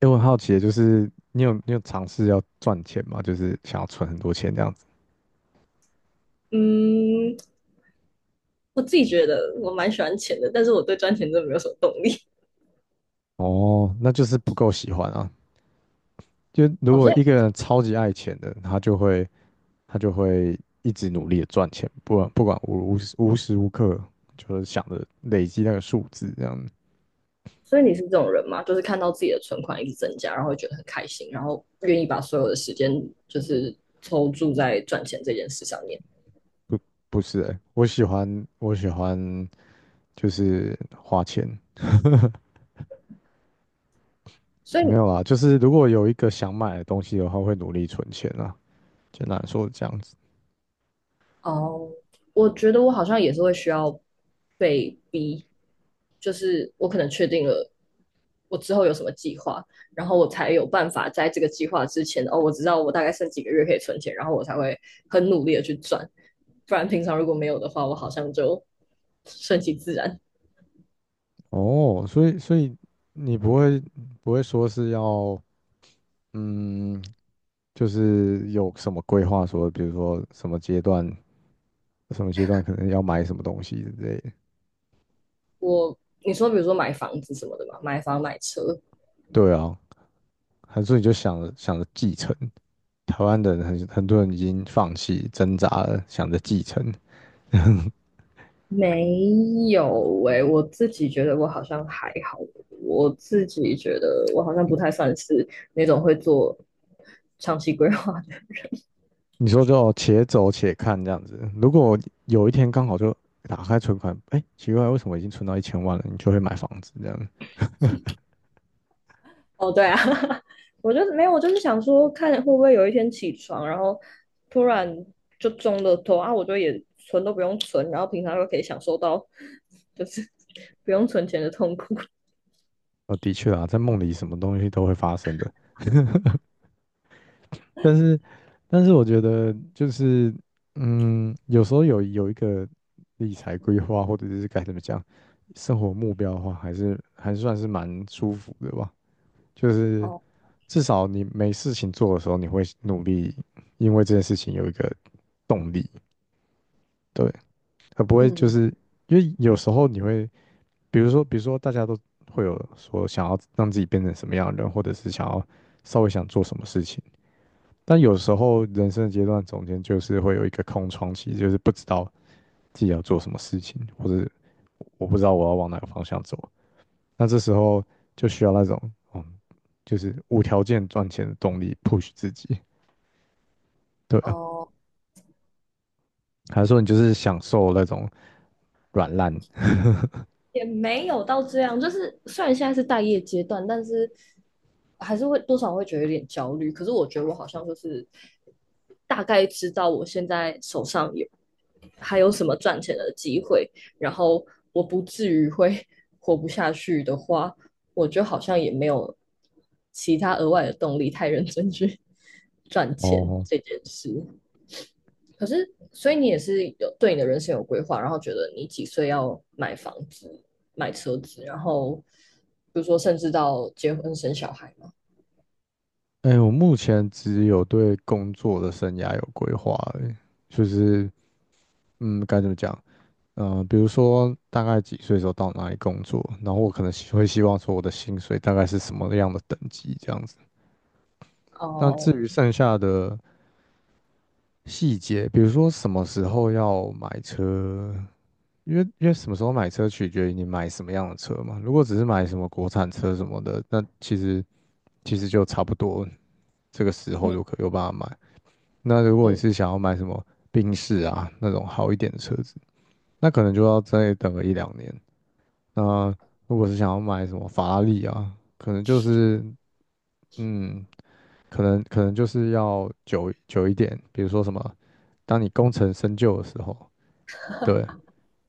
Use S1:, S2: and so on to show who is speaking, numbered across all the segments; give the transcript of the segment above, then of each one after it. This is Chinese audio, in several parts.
S1: 诶，我很好奇的，就是你有尝试要赚钱吗？就是想要存很多钱这样子。
S2: 嗯，我自己觉得我蛮喜欢钱的，但是我对赚钱真的没有什么动力。
S1: 哦，那就是不够喜欢啊。就如
S2: 好
S1: 果一个
S2: 以
S1: 人超级爱钱的，他就会一直努力的赚钱，不管无时无刻就是想着累积那个数字这样。
S2: 所以你是这种人吗？就是看到自己的存款一直增加，然后会觉得很开心，然后愿意把所有的时间就是抽注在赚钱这件事上面。
S1: 不是诶，我喜欢就是花钱，
S2: 所
S1: 没
S2: 以
S1: 有啊。就是如果有一个想买的东西的话，会努力存钱啊。简单来说是这样子。
S2: 哦，我觉得我好像也是会需要被逼，就是我可能确定了我之后有什么计划，然后我才有办法在这个计划之前，哦，我知道我大概剩几个月可以存钱，然后我才会很努力的去赚，不然平常如果没有的话，我好像就顺其自然。
S1: 哦，所以你不会说是要嗯，就是有什么规划说，比如说什么阶段可能要买什么东西之类的。
S2: 我，你说比如说买房子什么的嘛，买房买车，
S1: 对啊，还是你就想着继承？台湾的人很多人已经放弃挣扎了，想着继承。
S2: 没有诶、我自己觉得我好像还好，我自己觉得我好像不太算是那种会做长期规划的。
S1: 你说就且走且看这样子。如果有一天刚好就打开存款，哎，奇怪，为什么已经存到1000万了？你就会买房子这样。
S2: 哦，对啊，我就没有，我就是想说看会不会有一天起床，然后突然就中了头啊，我就也存都不用存，然后平常又可以享受到就是 不用存钱的痛苦。
S1: 哦，的确啊，在梦里什么东西都会发生的。但是，我觉得就是，有时候有一个理财规划，或者是该怎么讲，生活目标的话，还算是蛮舒服的吧。就是
S2: 哦，
S1: 至少你没事情做的时候，你会努力，因为这件事情有一个动力，对，而不会就
S2: 嗯，
S1: 是因为有时候你会，比如说大家都会有说想要让自己变成什么样的人，或者是想要稍微想做什么事情。但有时候人生的阶段中间就是会有一个空窗期，就是不知道自己要做什么事情，或者我不知道我要往哪个方向走。那这时候就需要那种，嗯，就是无条件赚钱的动力 push 自己。对啊，
S2: 哦。
S1: 还是说你就是享受那种软烂？
S2: 也没有到这样，就是虽然现在是待业阶段，但是还是会多少会觉得有点焦虑。可是我觉得我好像就是大概知道我现在手上还有什么赚钱的机会，然后我不至于会 活不下去的话，我就好像也没有其他额外的动力太认真去 赚钱
S1: 哦，
S2: 这件事。可是，所以你也是有对你的人生有规划，然后觉得你几岁要买房子、买车子，然后比如说甚至到结婚生小孩嘛。
S1: 哎，我目前只有对工作的生涯有规划而已。就是该怎么讲？比如说大概几岁的时候到哪里工作，然后我可能希望说我的薪水大概是什么样的等级这样子。那至
S2: 哦，
S1: 于剩下的细节，比如说什么时候要买车，因为什么时候买车取决于你买什么样的车嘛。如果只是买什么国产车什么的，那其实就差不多这个时候
S2: 嗯
S1: 就可以有办法买。那如果你
S2: 嗯，
S1: 是想要买什么宾士啊那种好一点的车子，那可能就要再等个一两年。那如果是想要买什么法拉利啊，可能就是嗯，可能就是要久一点，比如说什么，当你功成身就的时候，对。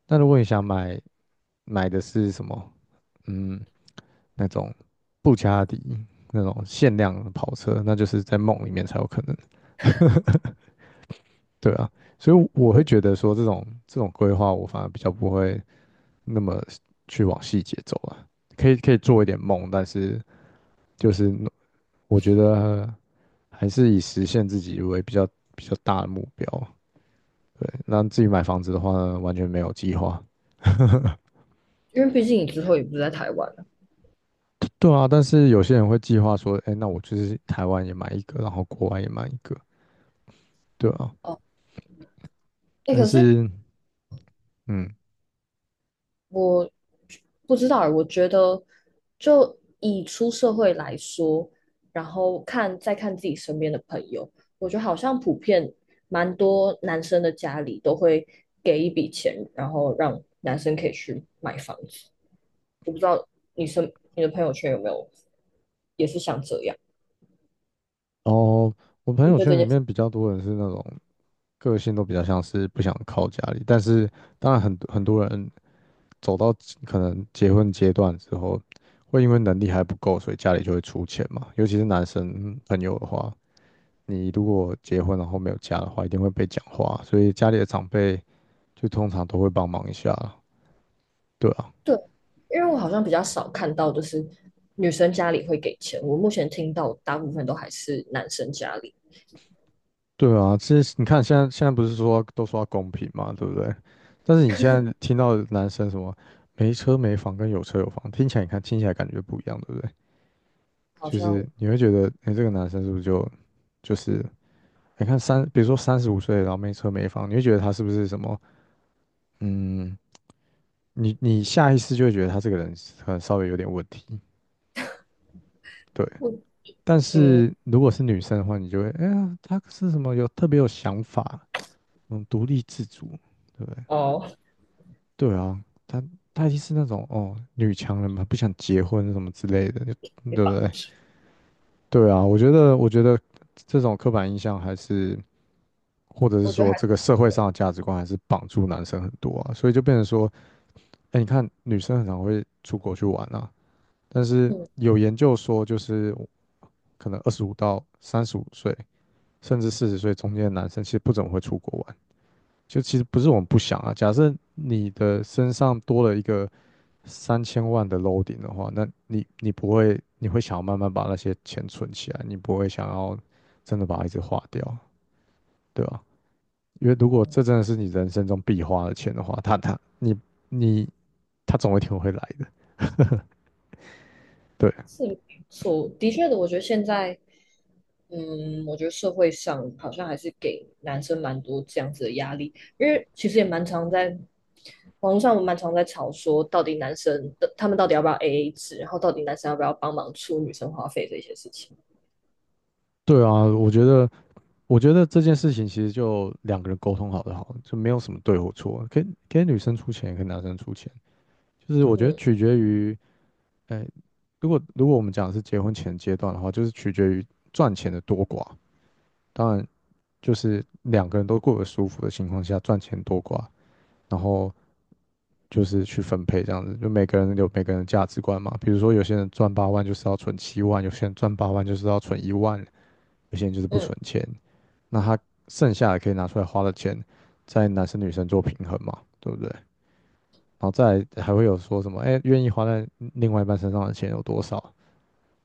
S1: 那如果你想买的是什么，嗯，那种布加迪那种限量的跑车，那就是在梦里面才有可能。对啊，所以我会觉得说这种规划，我反而比较不会那么去往细节走啊。可以做一点梦，但是就是我觉得还是以实现自己为比较大的目标。对，那自己买房子的话呢，完全没有计划。
S2: 因为毕竟你之后也不是在台湾了。
S1: 对对啊，但是有些人会计划说，哎，那我就是台湾也买一个，然后国外也买一个，对啊。
S2: 哦，哎、
S1: 但
S2: 可是
S1: 是，嗯，
S2: 我不知道欸，我觉得就以出社会来说，然后再看自己身边的朋友，我觉得好像普遍蛮多男生的家里都会给一笔钱，然后让男生可以去买房子。我不知道你的朋友圈有没有也是像这样？
S1: 哦，我朋
S2: 你
S1: 友
S2: 对这
S1: 圈里
S2: 件事，
S1: 面比较多人是那种。个性都比较像是不想靠家里，但是当然很多人走到可能结婚阶段之后，会因为能力还不够，所以家里就会出钱嘛。尤其是男生朋友的话，你如果结婚然后没有家的话，一定会被讲话，所以家里的长辈就通常都会帮忙一下啦。对啊，
S2: 对，因为我好像比较少看到就是女生家里会给钱，我目前听到大部分都还是男生家里，
S1: 对啊，其实你看现在不是说都说要公平嘛，对不对？但是你现在听到男生什么没车没房跟有车有房，听起来感觉不一样，对不对？
S2: 好
S1: 就
S2: 像
S1: 是你会觉得，哎、这个男生是不是就是你看比如说三十五岁，然后没车没房，你会觉得他是不是什么？嗯，你下意识就会觉得他这个人可能稍微有点问题，对。
S2: 不。
S1: 但
S2: 嗯，
S1: 是如果是女生的话，你就会，哎呀，他是什么有特别有想法，独立自主，对不对？
S2: 哦，
S1: 对啊，他他一定是那种女强人嘛，不想结婚什么之类的，对不
S2: 非常的
S1: 对？对啊，我觉得这种刻板印象还是。或者是
S2: 我觉得
S1: 说
S2: 还是
S1: 这个社会上的价值观还是绑住男生很多啊，所以就变成说，哎，你看女生很常会出国去玩啊，但是
S2: 嗯
S1: 有研究说，就是可能25到35岁，甚至40岁中间的男生，其实不怎么会出国玩。就其实不是我们不想啊，假设你的身上多了一个3000万的 loading 的话，那你不会，你会想要慢慢把那些钱存起来，你不会想要真的把它一直花掉，对吧？因为如果这真的是你人生中必花的钱的话，他他你你他总有一天会来的。对
S2: 是不错，的确的，我觉得现在我觉得社会上好像还是给男生蛮多这样子的压力，因为其实也蛮常在网络上，我蛮常在吵说，到底男生的他们到底要不要 AA 制，然后到底男生要不要帮忙出女生花费这些事情。
S1: 对啊，我觉得这件事情其实就两个人沟通好就好了，就没有什么对或错，可以给女生出钱，给男生出钱，就是我觉得
S2: 嗯
S1: 取决于，哎，如果我们讲的是结婚前阶段的话，就是取决于赚钱的多寡。当然，就是两个人都过得舒服的情况下，赚钱多寡然后就是去分配这样子，就每个人有每个人的价值观嘛。比如说有些人赚八万就是要存7万，有些人赚八万就是要存一万，有些人就是不
S2: 嗯，
S1: 存钱。那他剩下的可以拿出来花的钱，在男生女生做平衡嘛，对不对？然后再来还会有说什么，哎，愿意花在另外一半身上的钱有多少？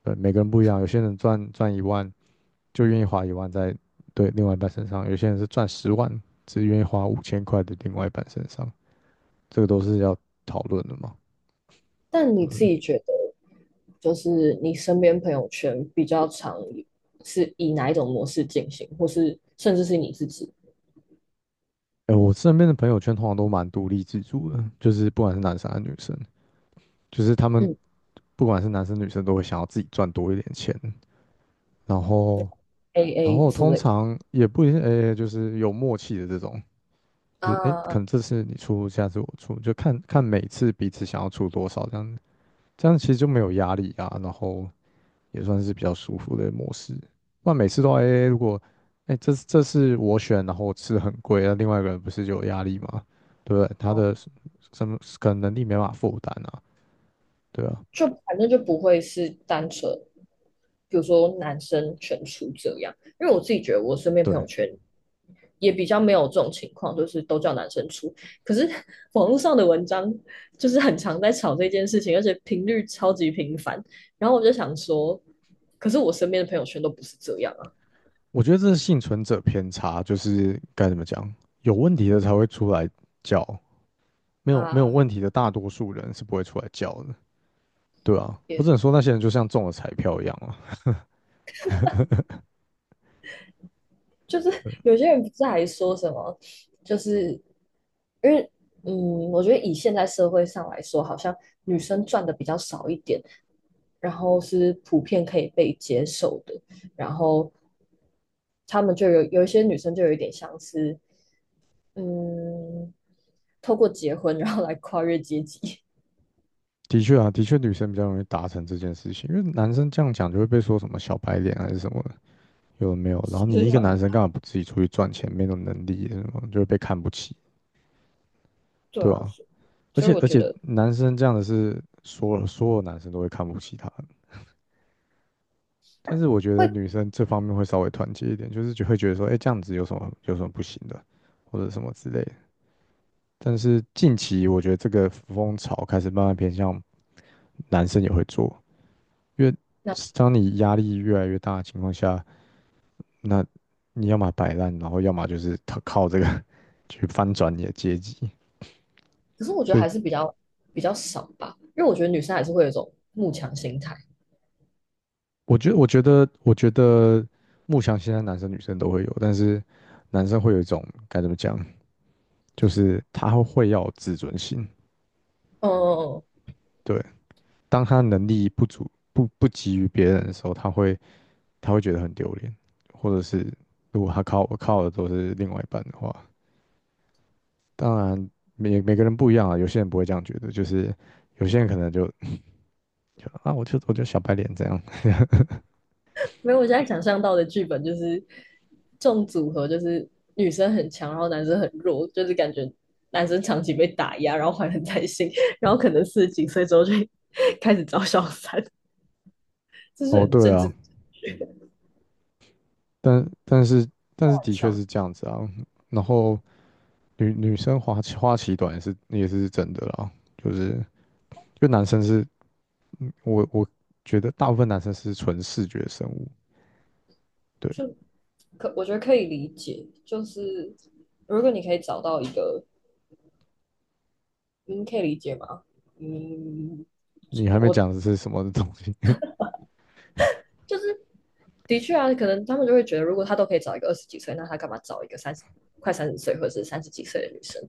S1: 对，每个人不一样，有些人赚一万就愿意花一万在对另外一半身上，有些人是赚10万只愿意花5000块的另外一半身上，这个都是要讨论的嘛。
S2: 但
S1: 对
S2: 你
S1: 不
S2: 自
S1: 对？
S2: 己觉得，就是你身边朋友圈比较常是以哪一种模式进行，或是甚至是你自己？
S1: 哎、我身边的朋友圈通常都蛮独立自主的，就是不管是男生还是女生，就是他们
S2: 嗯
S1: 不管是男生女生都会想要自己赚多一点钱，然后然
S2: AA
S1: 后
S2: 之
S1: 通
S2: 类
S1: 常也不一定，哎、就是有默契的这种，就是哎、可
S2: 啊，
S1: 能这次你出，下次我出，就看看每次彼此想要出多少这样子，这样其实就没有压力啊，然后也算是比较舒服的模式。不然每次都 AA,如果哎、这是我选，然后我吃得很贵，那另外一个人不是就有压力吗？对不对？他
S2: 哦，
S1: 的什么可能能力没办法负担啊？对啊，
S2: 就反正就不会是单纯，比如说男生全出这样，因为我自己觉得我身边朋
S1: 对，
S2: 友圈也比较没有这种情况，就是都叫男生出。可是 网络上的文章就是很常在吵这件事情，而且频率超级频繁。然后我就想说，可是我身边的朋友圈都不是这样啊。
S1: 我觉得这是幸存者偏差，就是该怎么讲，有问题的才会出来叫，没有
S2: 啊，
S1: 问题的大多数人是不会出来叫的，对啊，我
S2: 也
S1: 只能说那些人就像中了彩票一样啊。
S2: 就是
S1: 对，
S2: 有些人不是还说什么，就是因为我觉得以现在社会上来说，好像女生赚的比较少一点，然后是普遍可以被接受的，然后他们就有一些女生就有一点像是嗯，透过结婚然后来跨越阶级，
S1: 的确啊，的确女生比较容易达成这件事情，因为男生这样讲就会被说什么小白脸还是什么，有的没 有？然后
S2: 其是
S1: 你一个
S2: 蛮
S1: 男生干嘛不自己出去赚钱？没有能力什么，就会被看不起，
S2: 对
S1: 对
S2: 啊，
S1: 吧？
S2: 所以
S1: 而且
S2: 我
S1: 而
S2: 觉
S1: 且，
S2: 得
S1: 男生这样的是所有男生都会看不起他的。但是我觉得
S2: 会
S1: 女生这方面会稍微团结一点，就是就会觉得说，哎，这样子有什么不行的，或者什么之类的。但是近期我觉得这个风潮开始慢慢偏向男生也会做，因为
S2: 那，
S1: 当你压力越来越大的情况下，那你要么摆烂，然后要么就是他靠这个 去翻转你的阶级。
S2: 可是我觉得
S1: 所以
S2: 还是比较少吧，因为我觉得女生还是会有一种慕强心态，
S1: 我觉得木箱现在男生女生都会有，但是男生会有一种该怎么讲，就是他会要有自尊心。
S2: 嗯嗯嗯。
S1: 对，当他能力不足、不及于别人的时候，他会觉得很丢脸，或者是如果他靠我靠的都是另外一半的话，当然每个人不一样啊，有些人不会这样觉得，就是有些人可能就我就小白脸这样。
S2: 没有，我现在想象到的剧本就是这种组合，就是女生很强，然后男生很弱，就是感觉男生长期被打压，然后怀恨在心，然后可能四十几岁之后就开始找小三，这是
S1: 哦，
S2: 很
S1: 对
S2: 政
S1: 啊，
S2: 治
S1: 但但是但是
S2: 玩
S1: 的确
S2: 向。
S1: 是这样子啊，然后。女生花期短也是真的啦，就是就男生是，我觉得大部分男生是纯视觉生物，对。
S2: 就我觉得可以理解，就是如果你可以找到一个，嗯，可以理解吗？嗯，
S1: 你还没
S2: 我
S1: 讲的是什么东西，
S2: 就是的确啊，可能他们就会觉得，如果他都可以找一个二十几岁，那他干嘛找一个快三十岁或者是三十几岁的女生？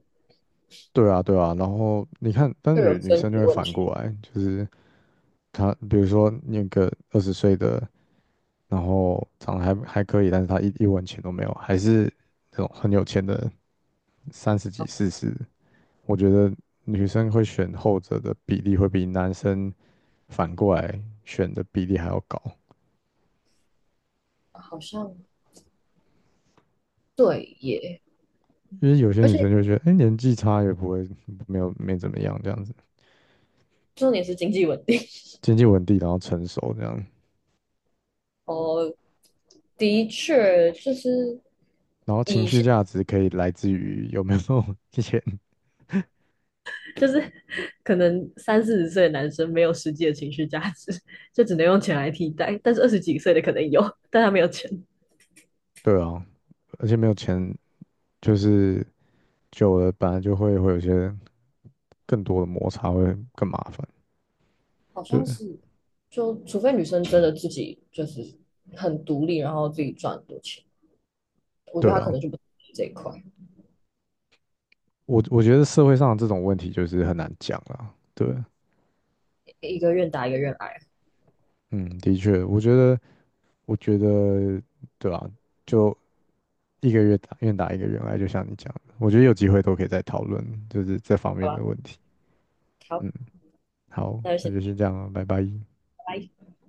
S1: 对啊对啊，然后你看，但
S2: 就有
S1: 女
S2: 生育
S1: 生就
S2: 的
S1: 会
S2: 问
S1: 反
S2: 题，
S1: 过来，就是她比如说那个20岁的，然后长得还可以，但是她一文钱都没有，还是那种很有钱的三十几四十，我觉得女生会选后者的比例会比男生反过来选的比例还要高。
S2: 好像对耶，
S1: 因为有些
S2: 而
S1: 女生
S2: 且
S1: 就觉得，哎、年纪差也不会没怎么样这样子，
S2: 重点是经济稳定
S1: 经济稳定，然后成熟这样，
S2: 哦，的确就是
S1: 然后情
S2: 以
S1: 绪价值可以来自于有没有 钱，
S2: 就是 可能三四十岁的男生没有实际的情绪价值，就只能用钱来替代，但是二十几岁的可能有，但他没有钱，
S1: 对啊，而且没有钱就是久了本来就会有一些更多的摩擦，会更麻烦，
S2: 好像
S1: 对
S2: 是，就除非女生真的自己就是很独立，然后自己赚很多钱，我觉
S1: 对
S2: 得他可
S1: 啊，
S2: 能就不这一块，
S1: 我觉得社会上这种问题就是很难讲啊，对，
S2: 一个愿打一个愿挨，
S1: 嗯，的确，我觉得对啊，就一个月打愿打一个月来，就像你讲的，我觉得有机会都可以再讨论，就是这方
S2: 好
S1: 面的
S2: 吧，
S1: 问题。
S2: 好，
S1: 嗯，好，
S2: 那就
S1: 那
S2: 先
S1: 就先这
S2: 拜
S1: 样了，拜拜。
S2: 拜。